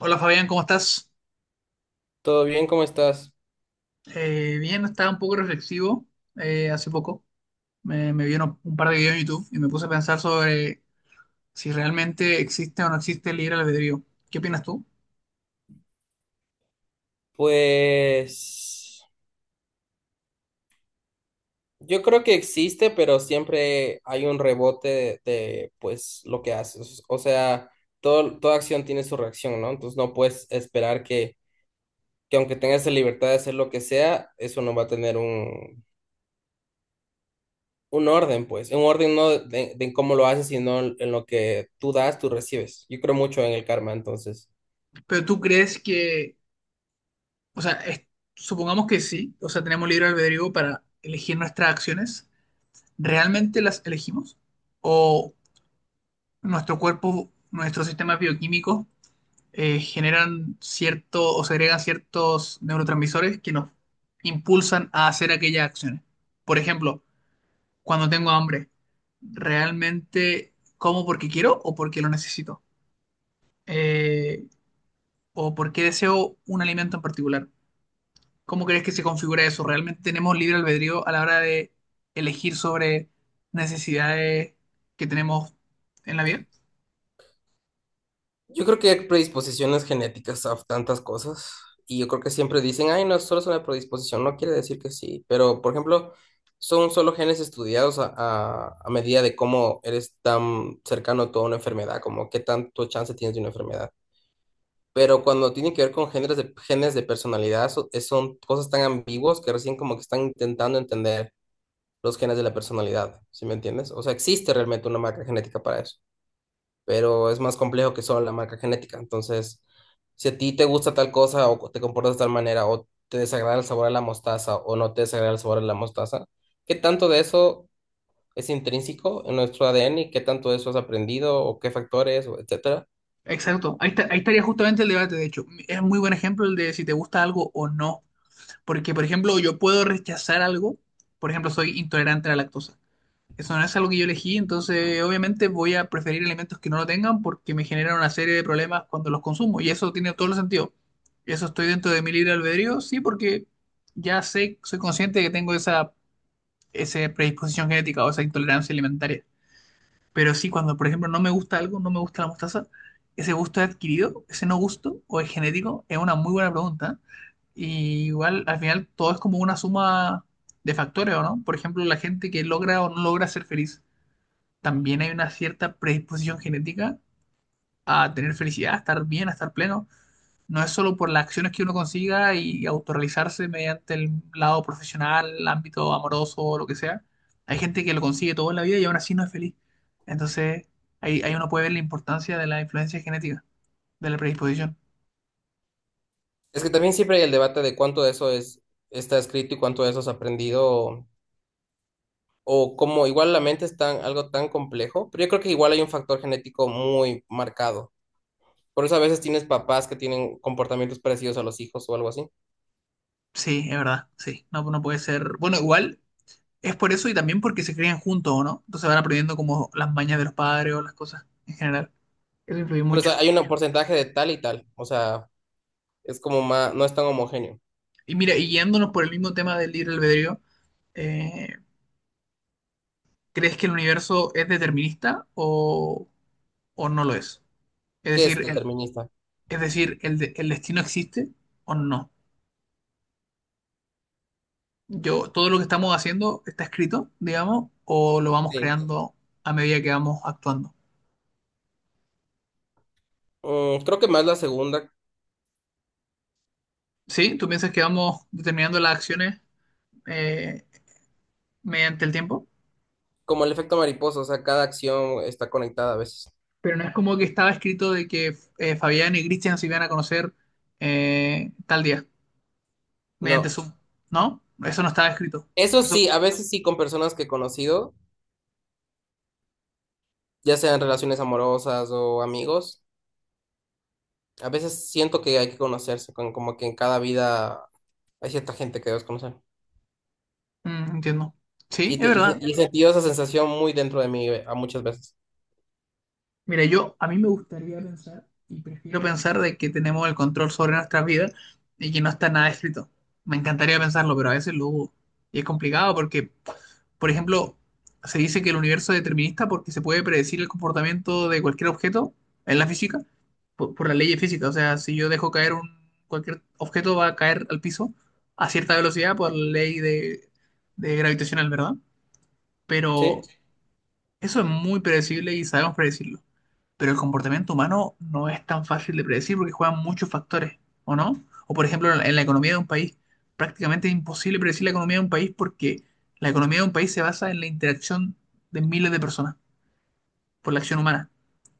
Hola Fabián, ¿cómo estás? ¿Todo bien? ¿Cómo estás? Bien, estaba un poco reflexivo hace poco. Me vieron un par de videos en YouTube y me puse a pensar sobre si realmente existe o no existe el libre albedrío. ¿Qué opinas tú? Pues yo creo que existe, pero siempre hay un rebote pues lo que haces. O sea, toda acción tiene su reacción, ¿no? Entonces no puedes esperar que aunque tengas la libertad de hacer lo que sea, eso no va a tener un orden, pues. Un orden no de cómo lo haces, sino en lo que tú das, tú recibes. Yo creo mucho en el karma, entonces. Pero tú crees que, o sea, supongamos que sí, o sea, tenemos libre albedrío para elegir nuestras acciones. ¿Realmente las elegimos? ¿O nuestro cuerpo, nuestros sistemas bioquímicos generan cierto o segregan ciertos neurotransmisores que nos impulsan a hacer aquellas acciones? Por ejemplo, cuando tengo hambre, ¿realmente como porque quiero o porque lo necesito? Eh, ¿O porque deseo un alimento en particular? ¿Cómo crees que se configura eso? ¿Realmente tenemos libre albedrío a la hora de elegir sobre necesidades que tenemos en la vida? Yo creo que hay predisposiciones genéticas a tantas cosas y yo creo que siempre dicen, ay, no, solo es una predisposición, no quiere decir que sí, pero por ejemplo, son solo genes estudiados a medida de cómo eres tan cercano a toda una enfermedad, como qué tanto chance tienes de una enfermedad. Pero cuando tiene que ver con genes de personalidad, son cosas tan ambiguas que recién como que están intentando entender los genes de la personalidad, ¿sí me entiendes? O sea, existe realmente una marca genética para eso, pero es más complejo que solo la marca genética, entonces si a ti te gusta tal cosa o te comportas de tal manera o te desagrada el sabor de la mostaza o no te desagrada el sabor de la mostaza, ¿qué tanto de eso es intrínseco en nuestro ADN y qué tanto de eso has aprendido o qué factores, o etcétera? Exacto, ahí estaría justamente el debate, de hecho. Es muy buen ejemplo el de si te gusta algo o no. Porque, por ejemplo, yo puedo rechazar algo. Por ejemplo, soy intolerante a la lactosa. Eso no es algo que yo elegí, entonces obviamente voy a preferir alimentos que no lo tengan porque me generan una serie de problemas cuando los consumo. Y eso tiene todo el sentido. ¿Eso estoy dentro de mi libre albedrío? Sí, porque ya sé, soy consciente de que tengo esa predisposición genética o esa intolerancia alimentaria. Pero sí, cuando, por ejemplo, no me gusta algo, no me gusta la mostaza, ¿ese gusto es adquirido? ¿Ese no gusto? ¿O es genético? Es una muy buena pregunta. Y igual, al final, todo es como una suma de factores, ¿o no? Por ejemplo, la gente que logra o no logra ser feliz, también hay una cierta predisposición genética a tener felicidad, a estar bien, a estar pleno. No es solo por las acciones que uno consiga y autorrealizarse mediante el lado profesional, el ámbito amoroso o lo que sea. Hay gente que lo consigue todo en la vida y aún así no es feliz. Entonces, ahí uno puede ver la importancia de la influencia genética, de la predisposición. Es que también siempre hay el debate de cuánto de eso es, está escrito y cuánto de eso has aprendido o cómo igual la mente es tan, algo tan complejo, pero yo creo que igual hay un factor genético muy marcado. Por eso a veces tienes papás que tienen comportamientos parecidos a los hijos o algo así. Sí, es verdad, sí. No, no puede ser. Bueno, igual es por eso y también porque se crían juntos, ¿o no? Entonces van aprendiendo como las mañas de los padres o las cosas en general. Eso influye Por eso mucho. hay un porcentaje de tal y tal. O sea, es como más, no es tan homogéneo, Y mira, y guiándonos por el mismo tema del libre albedrío, eh, ¿crees que el universo es determinista o no lo es? Es que es decir, el, determinista. es decir, el destino existe o no. Yo, todo lo que estamos haciendo está escrito, digamos, o lo vamos Sí. creando a medida que vamos actuando. Mm, creo que más la segunda, ¿Sí? ¿Tú piensas que vamos determinando las acciones eh, mediante el tiempo? como el efecto mariposa, o sea, cada acción está conectada a veces. Pero no es como que estaba escrito de que Fabián y Cristian se iban a conocer tal día, mediante No. Zoom, ¿no? Eso no estaba escrito. Eso Eso, sí, a veces sí con personas que he conocido, ya sean relaciones amorosas o amigos, a veces siento que hay que conocerse, con, como que en cada vida hay cierta gente que debes conocer. Entiendo. Sí, Y, es te- y, se- verdad. y he sentido esa sensación muy dentro de mí a muchas veces. Mira, yo a mí me gustaría pensar y prefiero pensar de que tenemos el control sobre nuestras vidas y que no está nada escrito. Me encantaría pensarlo, pero a veces lo dudo. Y es complicado porque, por ejemplo, se dice que el universo es determinista porque se puede predecir el comportamiento de cualquier objeto en la física por la ley de física. O sea, si yo dejo caer un cualquier objeto va a caer al piso a cierta velocidad por la ley de gravitacional, ¿verdad? Pero Sí. eso es muy predecible y sabemos predecirlo. Pero el comportamiento humano no es tan fácil de predecir porque juegan muchos factores, ¿o no? O por ejemplo, en la economía de un país, prácticamente es imposible predecir la economía de un país porque la economía de un país se basa en la interacción de miles de personas por la acción humana.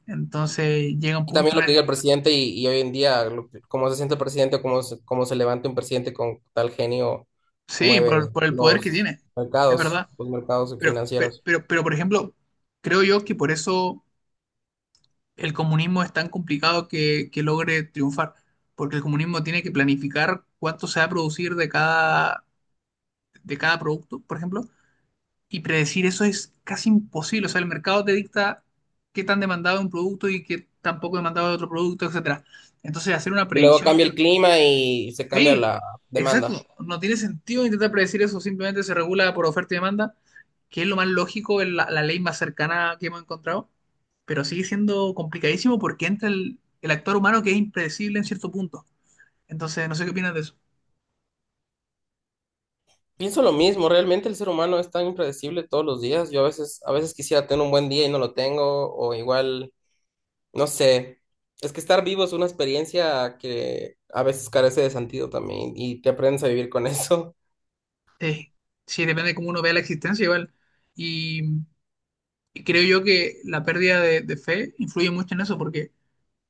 Entonces llega un Y también punto en lo que diga el... el presidente y hoy en día, cómo se siente el presidente, cómo se levanta un presidente con tal genio, Sí, mueve por el poder que los tiene, es verdad. los mercados Pero, pero, financieros. pero, pero por ejemplo, creo yo que por eso el comunismo es tan complicado que logre triunfar, porque el comunismo tiene que planificar cuánto se va a producir de cada producto, por ejemplo, y predecir eso es casi imposible. O sea, el mercado te dicta qué tan demandado es un producto y qué tan poco demandado es otro producto, etcétera. Entonces, hacer una Y luego predicción cambia de... el clima y se cambia Sí, la demanda. exacto, no tiene sentido intentar predecir eso, simplemente se regula por oferta y demanda que es lo más lógico, es la ley más cercana que hemos encontrado, pero sigue siendo complicadísimo porque entra el actor humano que es impredecible en cierto punto. Entonces, no sé qué opinas de eso. Pienso lo mismo, realmente el ser humano es tan impredecible todos los días. A veces quisiera tener un buen día y no lo tengo, o igual, no sé. Es que estar vivo es una experiencia que a veces carece de sentido también y te aprendes a vivir con eso. Eh, sí, depende de cómo uno vea la existencia igual. Y, y creo yo que la pérdida de fe influye mucho en eso porque,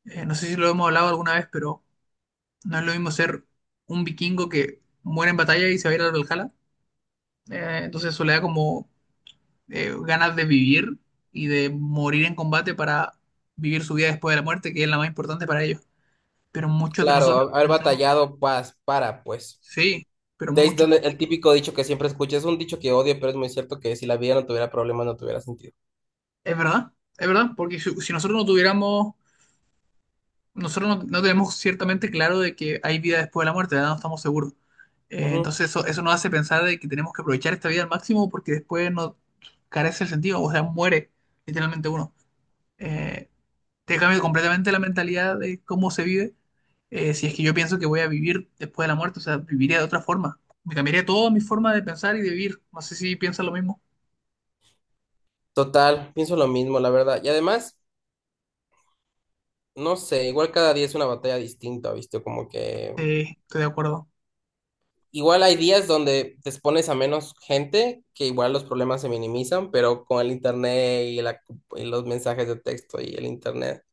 no sé si lo hemos hablado alguna vez, pero no es lo mismo ser un vikingo que muere en batalla y se va a ir al Valhalla. Entonces eso le da como ganas de vivir y de morir en combate para vivir su vida después de la muerte, que es la más importante para ellos. Pero muchos de Claro, nosotros haber pensamos, batallado paz para, pues. sí, pero De ahí es muchos, donde el típico dicho que siempre escucho, es un dicho que odio, pero es muy cierto que si la vida no tuviera problemas, no tuviera sentido. es verdad, es verdad, porque si, si nosotros no tuviéramos, nosotros no, no tenemos ciertamente claro de que hay vida después de la muerte, ¿verdad? No estamos seguros. Ujú. Entonces eso nos hace pensar de que tenemos que aprovechar esta vida al máximo porque después no carece el sentido, o sea, muere literalmente uno. Eh, Te cambia completamente la mentalidad de cómo se vive. Eh, si es que yo pienso que voy a vivir después de la muerte, o sea, viviría de otra forma. Me cambiaría toda mi forma de pensar y de vivir. No sé si piensas lo mismo. Total, pienso lo mismo, la verdad. Y además, no sé, igual cada día es una batalla distinta, ¿viste? Como que Estoy de acuerdo. igual hay días donde te expones a menos gente, que igual los problemas se minimizan, pero con el internet y los mensajes de texto y el internet.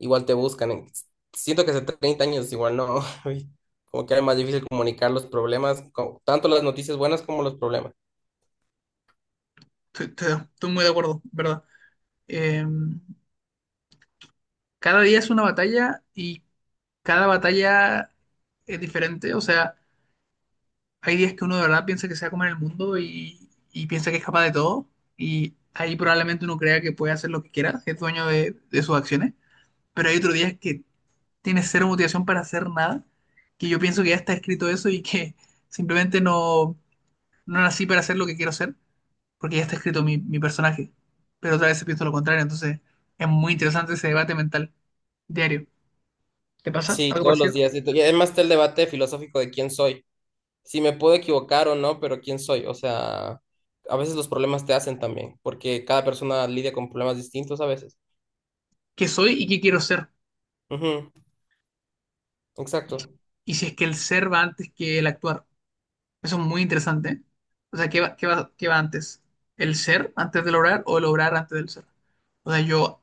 Igual te buscan. Siento que hace 30 años igual no, uy, como que era más difícil comunicar los problemas, tanto las noticias buenas como los problemas. Estoy muy de acuerdo, ¿verdad? Eh, Cada día es una batalla y cada batalla es diferente. O sea, hay días que uno de verdad piensa que se va a comer el mundo y piensa que es capaz de todo. Y ahí probablemente uno crea que puede hacer lo que quiera, que es dueño de sus acciones. Pero hay otros días que tiene cero motivación para hacer nada, que yo pienso que ya está escrito eso y que simplemente no, no nací para hacer lo que quiero hacer, porque ya está escrito mi personaje. Pero otra vez pienso lo contrario, entonces es muy interesante ese debate mental diario. ¿Te pasa Sí, algo todos los parecido? días. Y además está el debate filosófico de quién soy. Si me puedo equivocar o no, pero quién soy. O sea, a veces los problemas te hacen también, porque cada persona lidia con problemas distintos a veces. ¿Qué soy y qué quiero ser? Ujú, exacto. Y si es que el ser va antes que el actuar. Eso es muy interesante. ¿Eh? O sea, ¿qué va antes? ¿El ser antes de lograr o el lograr antes del ser? O sea,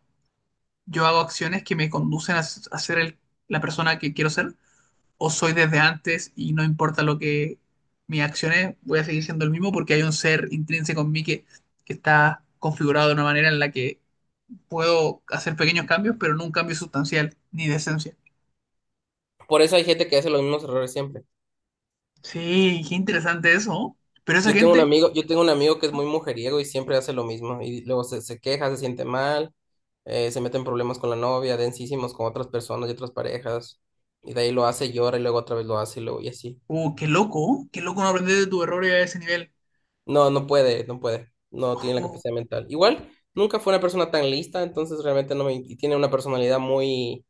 yo hago acciones que me conducen a, a ser la persona que quiero ser, o soy desde antes y no importa lo que mis acciones, voy a seguir siendo el mismo porque hay un ser intrínseco en mí que está configurado de una manera en la que puedo hacer pequeños cambios, pero no un cambio sustancial ni de esencia. Por eso hay gente que hace los mismos errores siempre. Sí, qué interesante eso. ¿No? Pero esa gente, Yo tengo un amigo que es muy mujeriego y siempre hace lo mismo. Y luego se queja, se siente mal, se mete en problemas con la novia, densísimos con otras personas y otras parejas. Y de ahí lo hace, llora y luego otra vez lo hace y luego y así. oh, qué loco no aprender de tus errores a ese nivel. No puede. No tiene la Ojo. capacidad mental. Igual, nunca fue una persona tan lista, entonces realmente no me... Y tiene una personalidad muy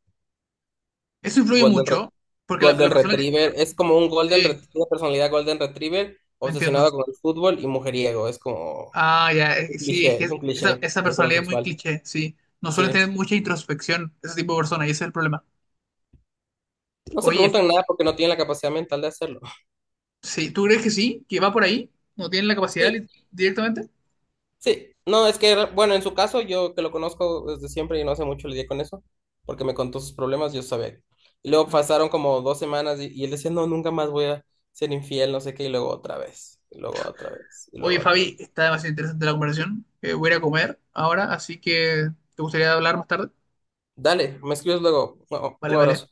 Eso influye golden, re- mucho, porque la golden persona que... retriever. Es como un Sí, una personalidad golden retriever entiendo. obsesionado con el fútbol y mujeriego. Es como Ah, ya, un sí, es cliché, que es un cliché esa personalidad es muy heterosexual. cliché, sí. No suelen Sí, tener mucha introspección ese tipo de personas y ese es el problema. no se Oye, preguntan nada porque no tienen la capacidad mental de hacerlo. sí, ¿tú crees que sí? ¿Que va por ahí? ¿No tienen la capacidad Sí, directamente? sí, no, es que, bueno, en su caso, yo que lo conozco desde siempre y no hace mucho lidié con eso, porque me contó sus problemas, yo sabía. Y luego Mm. pasaron como 2 semanas y él decía, no, nunca más voy a ser infiel, no sé qué, y luego otra vez, y luego otra vez, y luego Oye, otra vez. Fabi, está demasiado interesante la conversación. Voy a ir a comer ahora, así que ¿te gustaría hablar más tarde? Dale, me escribes luego. Un Vale, un vale. abrazo.